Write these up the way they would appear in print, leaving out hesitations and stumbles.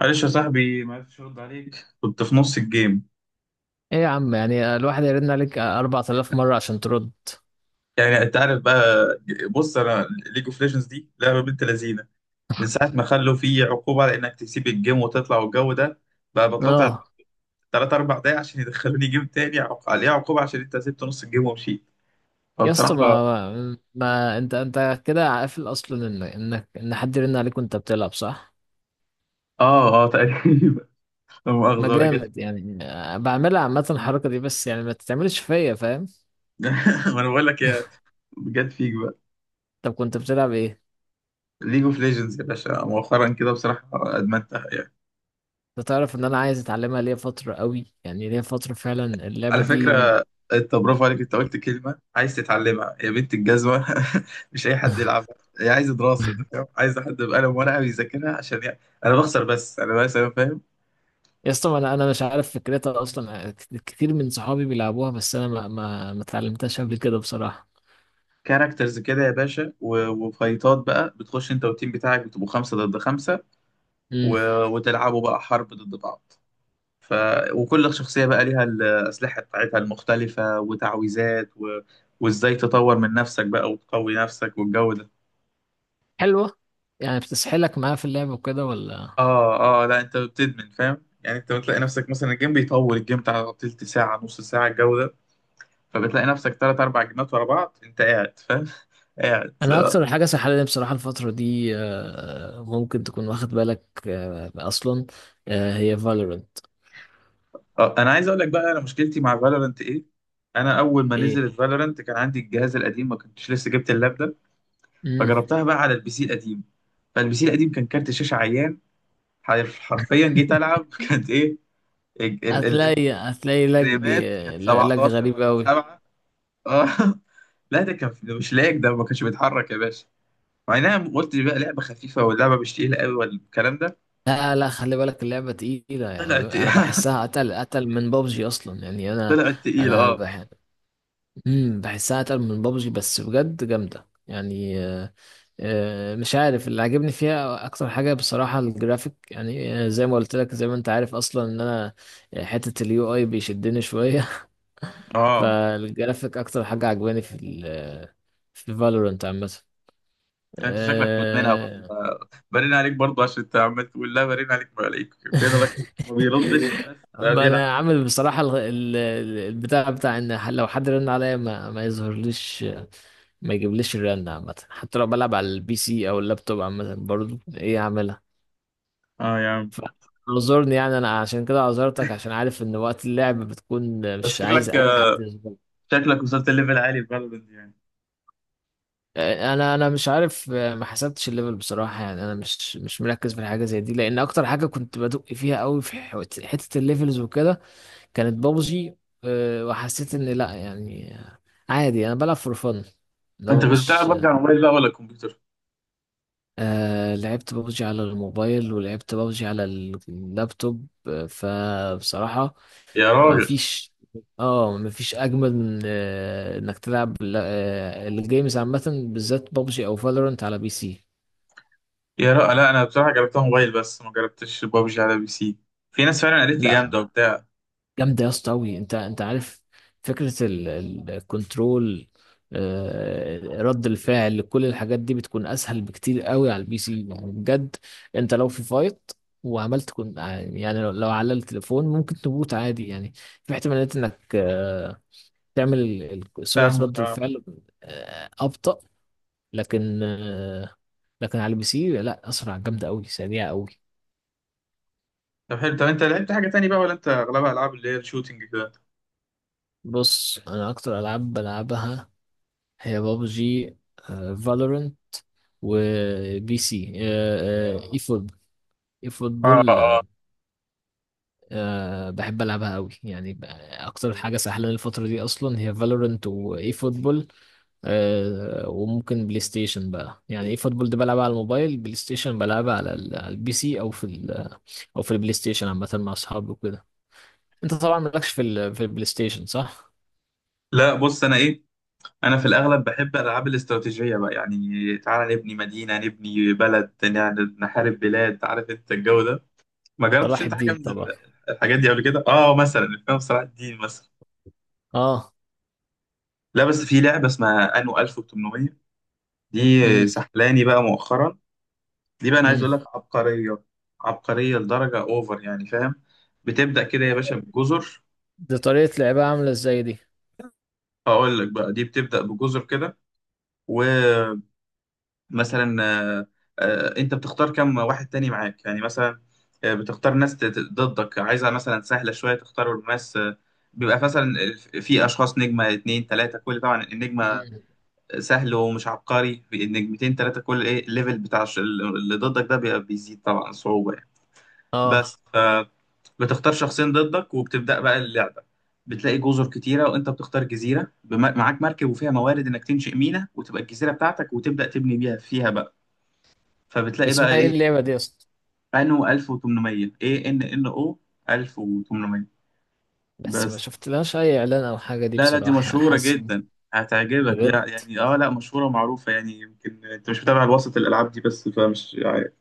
معلش يا صاحبي، ما عرفتش ارد عليك، كنت في نص الجيم. ايه يا عم، يعني الواحد يرن عليك 4000 مرة عشان ترد؟ يعني انت عارف بقى. بص، انا ليج اوف ليجندز دي لعبه بنت لذينه، من ساعه ما خلوا في عقوبه على انك تسيب الجيم وتطلع والجو ده، بقى بطلع اه. ثلاث اربع دقايق عشان يدخلوني جيم تاني، عليها عقوبه عشان انت سبت نص الجيم ومشيت. يا اسطى فبصراحه، ما انت كده قافل اصلا ان حد يرن عليك وانت بتلعب، صح؟ اه، اه، تقريبا. لا ما مؤاخذه بقى، جت. جامد يعني. بعملها عامة الحركة دي، بس يعني ما تتعملش فيا، فاهم؟ ما انا بقول لك يا، جت فيك بقى. طب كنت بتلعب ايه؟ ليج اوف ليجندز يا باشا، مؤخرا كده بصراحه ادمنتها. انت تعرف ان انا عايز اتعلمها ليا فترة قوي، يعني ليا فترة فعلا اللعبة على دي فكرة، انت برافو عليك، انت قلت كلمة عايز تتعلمها يا بنت الجزمة. مش اي حد يلعبها، هي عايزة دراسة، انت فاهم؟ عايزة حد بقلم ورقة بيذاكرها عشان يعني. انا بخسر، بس انا، بس انا فاهم. يا اسطى ما انا مش عارف فكرتها اصلا. كتير من صحابي بيلعبوها، بس انا ما اتعلمتهاش قبل كده بصراحة. كاركترز كده يا باشا و- وفايتات بقى، بتخش انت والتيم بتاعك بتبقوا خمسة ضد خمسة، و... وتلعبوا بقى حرب ضد بعض. ف... وكل شخصية بقى ليها الأسلحة بتاعتها المختلفة وتعويذات، و... وازاي تطور من نفسك بقى وتقوي نفسك والجو ده. حلوة. يعني بتسحلك معاه في اللعب وكده ولا؟ اه، اه، لا انت بتدمن، فاهم يعني، انت بتلاقي نفسك مثلا الجيم بيطول، الجيم بتاع تلت ساعة، نص ساعة، الجو ده. فبتلاقي نفسك تلات أربع جيمات ورا بعض، أنت قاعد، فاهم؟ قاعد. انا اكتر حاجة سحلاني بصراحة الفترة دي، ممكن تكون واخد بالك، آه، اصلا آه، هي فالورنت. آه، أنا عايز أقول لك بقى أنا مشكلتي مع فالورنت إيه. أنا أول ما ايه؟ نزلت فالورنت كان عندي الجهاز القديم، ما كنتش لسه جبت اللاب ده. امم. فجربتها بقى على البي سي القديم، فالبي سي القديم كان كارت شاشة عيان. حرفيا جيت ألعب. كانت إيه؟ ال- ال- ال- هتلاقي لج. الفريمات كانت لج 17 غريب ولا أوي. 7. اه. لا ده كان، ده مش لايق، ده ما كانش بيتحرك يا باشا، مع انها قلت بقى لعبه خفيفه، واللعبه مش تقيله قوي والكلام ده. لا لا، خلي بالك اللعبة تقيلة، يعني طلعت. أنا بحسها أتقل من بابجي أصلا. يعني أنا طلعت تقيله، أنا اه. بح... مم، بحسها أتقل من بابجي، بس بجد جامدة يعني. مش عارف اللي عجبني فيها اكتر حاجه بصراحه الجرافيك، يعني زي ما قلت لك، زي ما انت عارف اصلا ان انا، حته اليو اي بيشدني شويه. اه، فالجرافيك اكتر حاجه عجباني في ال آه، في فالورنت عامه. ده انت شكلك مدمنها برضه، آه. برين عليك برضه، عشان انت عمال تقول لا، برين عليك، ما عليك فين الراجل ما بيردش بس، ده ما بيلعب. انا عامل بصراحه البتاع بتاع لو حد رن عليا ما يظهرليش، ما يجيبليش الرن عامه، حتى لو بلعب على البي سي او اللابتوب عامه برضه ايه، اعملها. اه يا عم. اعذرني يعني، انا عشان كده عذرتك، عشان عارف ان وقت اللعب بتكون بس مش عايز شكلك، اي حد يظبط. شكلك وصلت ليفل عالي في فالورنت يعني. انا مش عارف، ما حسبتش الليفل بصراحه. يعني انا مش مركز في الحاجه زي دي، لان اكتر حاجه كنت بدق فيها قوي في حته الليفلز وكده كانت بابجي. أه، وحسيت ان لا يعني، عادي انا بلعب فور فن، انت لو كنت بتلعب مش، ببجي على الموبايل بقى ولا الكمبيوتر؟ آه لعبت بابجي على الموبايل ولعبت بابجي على اللابتوب. فبصراحة يا ما راجل. فيش، اه ما فيش اجمل من، انك تلعب الجيمز عامه، بالذات بابجي او فالورنت على بي سي. يا راجل، لا انا بصراحه جربتها موبايل بس ما جربتش ببجي على بي سي. في ناس فعلا قالت لي لا جامده وبتاع. جامده يا اسطى قوي. انت عارف فكره الكنترول، رد الفعل، كل الحاجات دي بتكون اسهل بكتير قوي على البي سي يعني بجد. انت لو في فايت وعملت كن، يعني لو على التليفون ممكن تموت عادي، يعني في احتمالات انك تعمل سرعه فاهمك. رد الفعل، ابطأ. لكن آه، لكن على البي سي لا، اسرع، جامده قوي، سريعه قوي. طب حلو، طب انت لعبت حاجه تاني بقى ولا انت اغلبها العاب اللي هي الشوتينج كده؟ بص انا اكتر العاب بلعبها هي بابجي، فالورنت، وبي سي، اي فوتبول. اي اه، فوتبول اه. بحب العبها قوي يعني. اكتر حاجه سهله الفتره دي اصلا هي فالورنت واي فوتبول، وممكن بلاي ستيشن بقى. يعني اي فوتبول ده بلعبها على الموبايل، بلاي ستيشن بلعبها على على البي سي او في او في البلاي ستيشن عامه مع اصحابي وكده. انت طبعا مالكش في ال... في البلاي ستيشن، صح؟ لا بص، انا ايه، انا في الاغلب بحب الالعاب الاستراتيجيه بقى، يعني تعالى نبني مدينه، نبني بلد، يعني نحارب بلاد، عارف انت الجو ده. ما جربتش صلاح انت حاجه الدين من طبعا. الحاجات دي قبل كده؟ اه، مثلا الافلام صلاح الدين مثلا. اه. لا بس في لعبه اسمها انو 1800، دي امم. سحلاني بقى مؤخرا. دي بقى انا عايز امم. اقول لك عبقريه. عبقريه لدرجه اوفر يعني، فاهم؟ بتبدا كده يا باشا بجزر. دي طريقة لعبها عاملة ازاي دي؟ اقول لك بقى، دي بتبدا بجزر كده. ومثلا، آه، انت بتختار كم واحد تاني معاك، يعني مثلا، بتختار ناس ضدك، عايزها مثلا سهلة شوية، تختار ناس، بيبقى مثلا، في اشخاص نجمة، اتنين تلاتة كل، طبعا النجمة امم. سهل ومش عبقري، في النجمتين تلاتة كل، ايه الليفل بتاع اللي ضدك ده بيبقى بيزيد طبعا صعوبة يعني، اه. بس. فبتختار شخصين ضدك، وبتبدأ بقى اللعبة. بتلاقي جزر كتيرة، وانت بتختار جزيرة، معاك مركب وفيها موارد انك تنشئ ميناء وتبقى الجزيرة بتاعتك، وتبدأ تبني بيها، فيها بقى. فبتلاقي بقى اسمها ايه ايه. اللعبة دي اصلا؟ انو 1800. ايه، ان ان او 1800 بس ما بس. شفتلهاش اي اعلان او حاجة دي لا لا، دي بصراحة، يعني مشهورة حاسس إن، جدا، هتعجبك، بجد. يعني اه لا، مشهورة ومعروفة يعني، يمكن انت مش متابع الوسط الالعاب دي بس، فمش عارف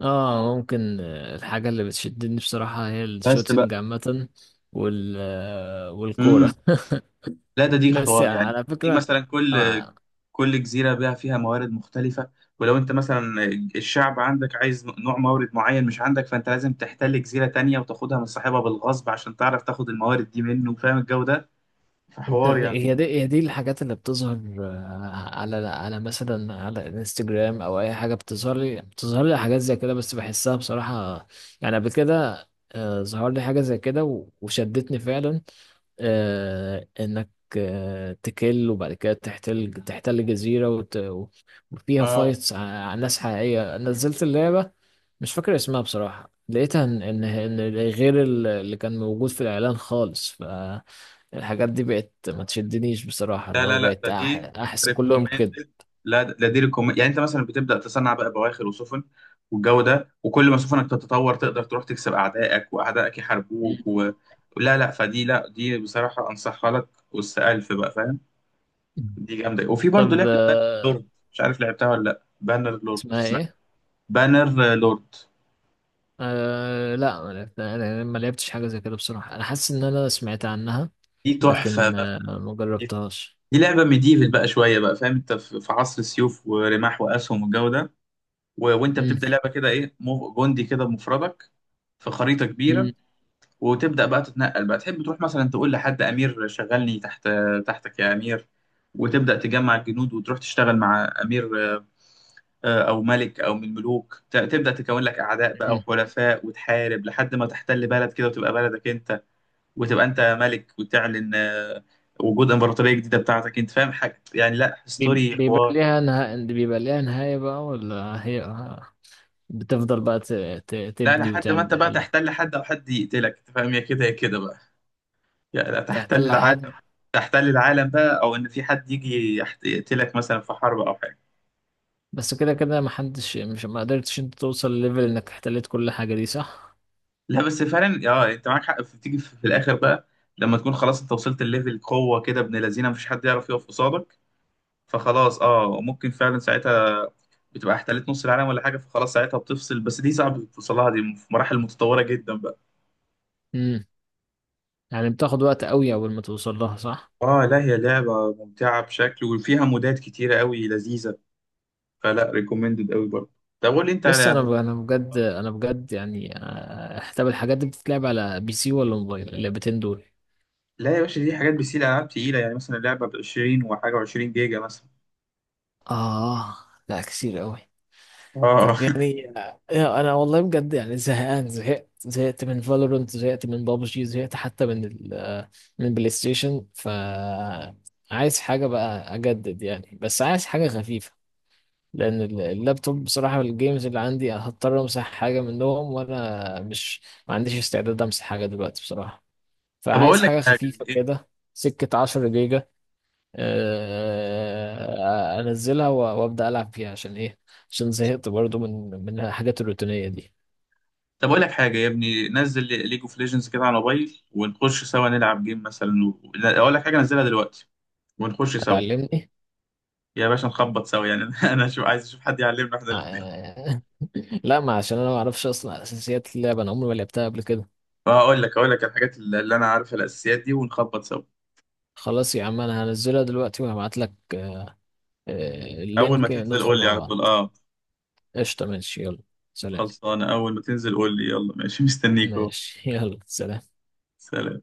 اه ممكن. الحاجة اللي بتشدني بصراحة هي بس بقى. الشوتينج عامة والكورة. امم لا، ده دي بس حوار يعني يعني، على دي فكرة مثلا كل، أنا، كل جزيرة بقى فيها موارد مختلفة، ولو انت مثلا الشعب عندك عايز نوع مورد معين مش عندك، فانت لازم تحتل جزيرة تانية وتاخدها من صاحبها بالغصب عشان تعرف تاخد الموارد دي منه، فاهم الجو ده؟ انت فحوار يعني. هي دي الحاجات اللي بتظهر، على مثلا على انستجرام او اي حاجه بتظهر لي، بتظهر لي حاجات زي كده بس بحسها بصراحه، يعني قبل كده ظهر لي حاجه زي كده وشدتني فعلا. آه، انك آه، تكل، وبعد كده تحتل جزيره وفيها اه، فايتس على ناس حقيقيه نزلت اللعبه. مش فاكر اسمها بصراحة. لقيتها ان غير اللي كان موجود في الاعلان خالص، فالحاجات دي بقت ما تشدنيش بصراحة، لا اللي هو لا لا، بقت ده دي احس كلهم كده. ريكومندد. لا، ده دي ريكومند، يعني انت مثلا بتبدا تصنع بقى بواخر وسفن والجو ده، وكل ما سفنك تتطور تقدر تروح تكسب اعدائك، واعدائك يحاربوك لا لا، فدي، لا دي بصراحه انصحها لك، والس الف بقى، فاهم؟ مم. دي جامده. وفي برضه طب لعبه بانر آه، لورد، مش عارف لعبتها ولا لا، بانر لورد اسمها اسمها. ايه؟ بانر لورد أه لا، ما لعبت- انا ما لعبتش حاجة زي كده بصراحة، انا حاسس ان انا سمعت عنها، دي تحفه لكن بقى. آه، ما جربتهاش. دي لعبه ميديفل بقى شويه بقى، فاهم؟ انت في عصر السيوف ورماح واسهم والجو ده. و... وانت مم. بتبدا لعبه كده ايه، جندي كده بمفردك، في خريطه كبيره، مم. وتبدا بقى تتنقل بقى، تحب تروح مثلا تقول لحد امير شغلني تحت، تحتك يا امير، وتبدا تجمع الجنود وتروح تشتغل مع امير، او ملك، او من الملوك، تبدا تكون لك اعداء بقى مم. وحلفاء، وتحارب لحد ما تحتل بلد كده وتبقى بلدك انت، وتبقى انت ملك، وتعلن، وجود امبراطوريه جديده بتاعتك انت، فاهم حاجه يعني، لا ستوري بيبقى حوار. ليها نها... بيبقى ليها نهاية بقى ولا هي بتفضل بقى ت... ت... لا، تبني لحد ما وتعمل انت بقى ولا تحتل حد، او حد يقتلك انت، فاهم؟ يا كده يا كده بقى. يعني تحتل تحتل العالم. حد؟ تحتل العالم بقى، او ان في حد يجي يقتلك مثلا في حرب او حاجه. بس كده كده محدش، مش ما قدرتش انت توصل لليفل انك احتليت كل حاجة دي، صح؟ لا بس فعلا اه، انت معاك حق، تيجي في الاخر بقى، لما تكون خلاص انت وصلت لليفل قوه كده ابن لذينه، مفيش حد يعرف يقف قصادك، فخلاص اه، ممكن فعلا ساعتها بتبقى احتلت نص العالم ولا حاجه، فخلاص ساعتها بتفصل، بس دي صعب توصلها، دي في مراحل متطوره جدا بقى. امم. يعني بتاخد وقت قوي اول ما توصل لها، صح؟ اه لا، هي لعبه ممتعه بشكل، وفيها مودات كتيره قوي لذيذه، فلا ريكومندد قوي برضه. طب قول لي انت يس. انا على، ب- انا بجد انا بجد يعني، طب الحاجات دي بتتلعب على بي سي ولا موبايل اللعبتين دول؟ لا يا باشا، دي حاجات بيسيل، العاب تقيله، يعني مثلا لعبه ب 20 وحاجه، و20 جيجا مثلا. آه. لا كتير قوي. طب اه. يعني، أنا والله بجد يعني زهقان، زهقت من فالورنت، زهقت من بابجي، زهقت حتى من ال آه، من بلاي ستيشن، ف عايز حاجة بقى أجدد يعني، بس عايز حاجة خفيفة، لان اللابتوب بصراحه الجيمز اللي عندي هضطر امسح حاجه منهم، وانا مش، ما عنديش استعداد امسح حاجه دلوقتي بصراحه. طب فعايز اقول لك حاجه حاجه. خفيفه ايه؟ كده، سكه 10 جيجا، انزلها وابدا العب فيها. عشان ايه؟ عشان زهقت برضو من الحاجات الروتينيه دي. طب اقول لك حاجه يا ابني، نزل ليج اوف ليجندز كده على الموبايل ونخش سوا نلعب جيم مثلا، لا، اقول لك حاجه، نزلها دلوقتي ونخش سوا. هتعلمني؟ يا باشا نخبط سوا يعني. انا شو عايز اشوف حد يعلمنا احنا الاثنين، آه، لا، ما عشان انا ما اعرفش اصلا اساسيات اللعبه، انا عمري ما لعبتها قبل كده. فهقول لك، هقول لك الحاجات اللي انا عارفها الاساسيات دي، ونخبط سوا. خلاص يا عم، انا هنزلها دلوقتي وهبعت لك اول ما اللينك، تنزل ندخل قول لي مع على طول، بعض. اه. قشطة، ماشي، يلا سلام. خلصانه، اول ما تنزل قول لي، يلا ماشي، مستنيك اهو. ماشي يلا سلام. سلام.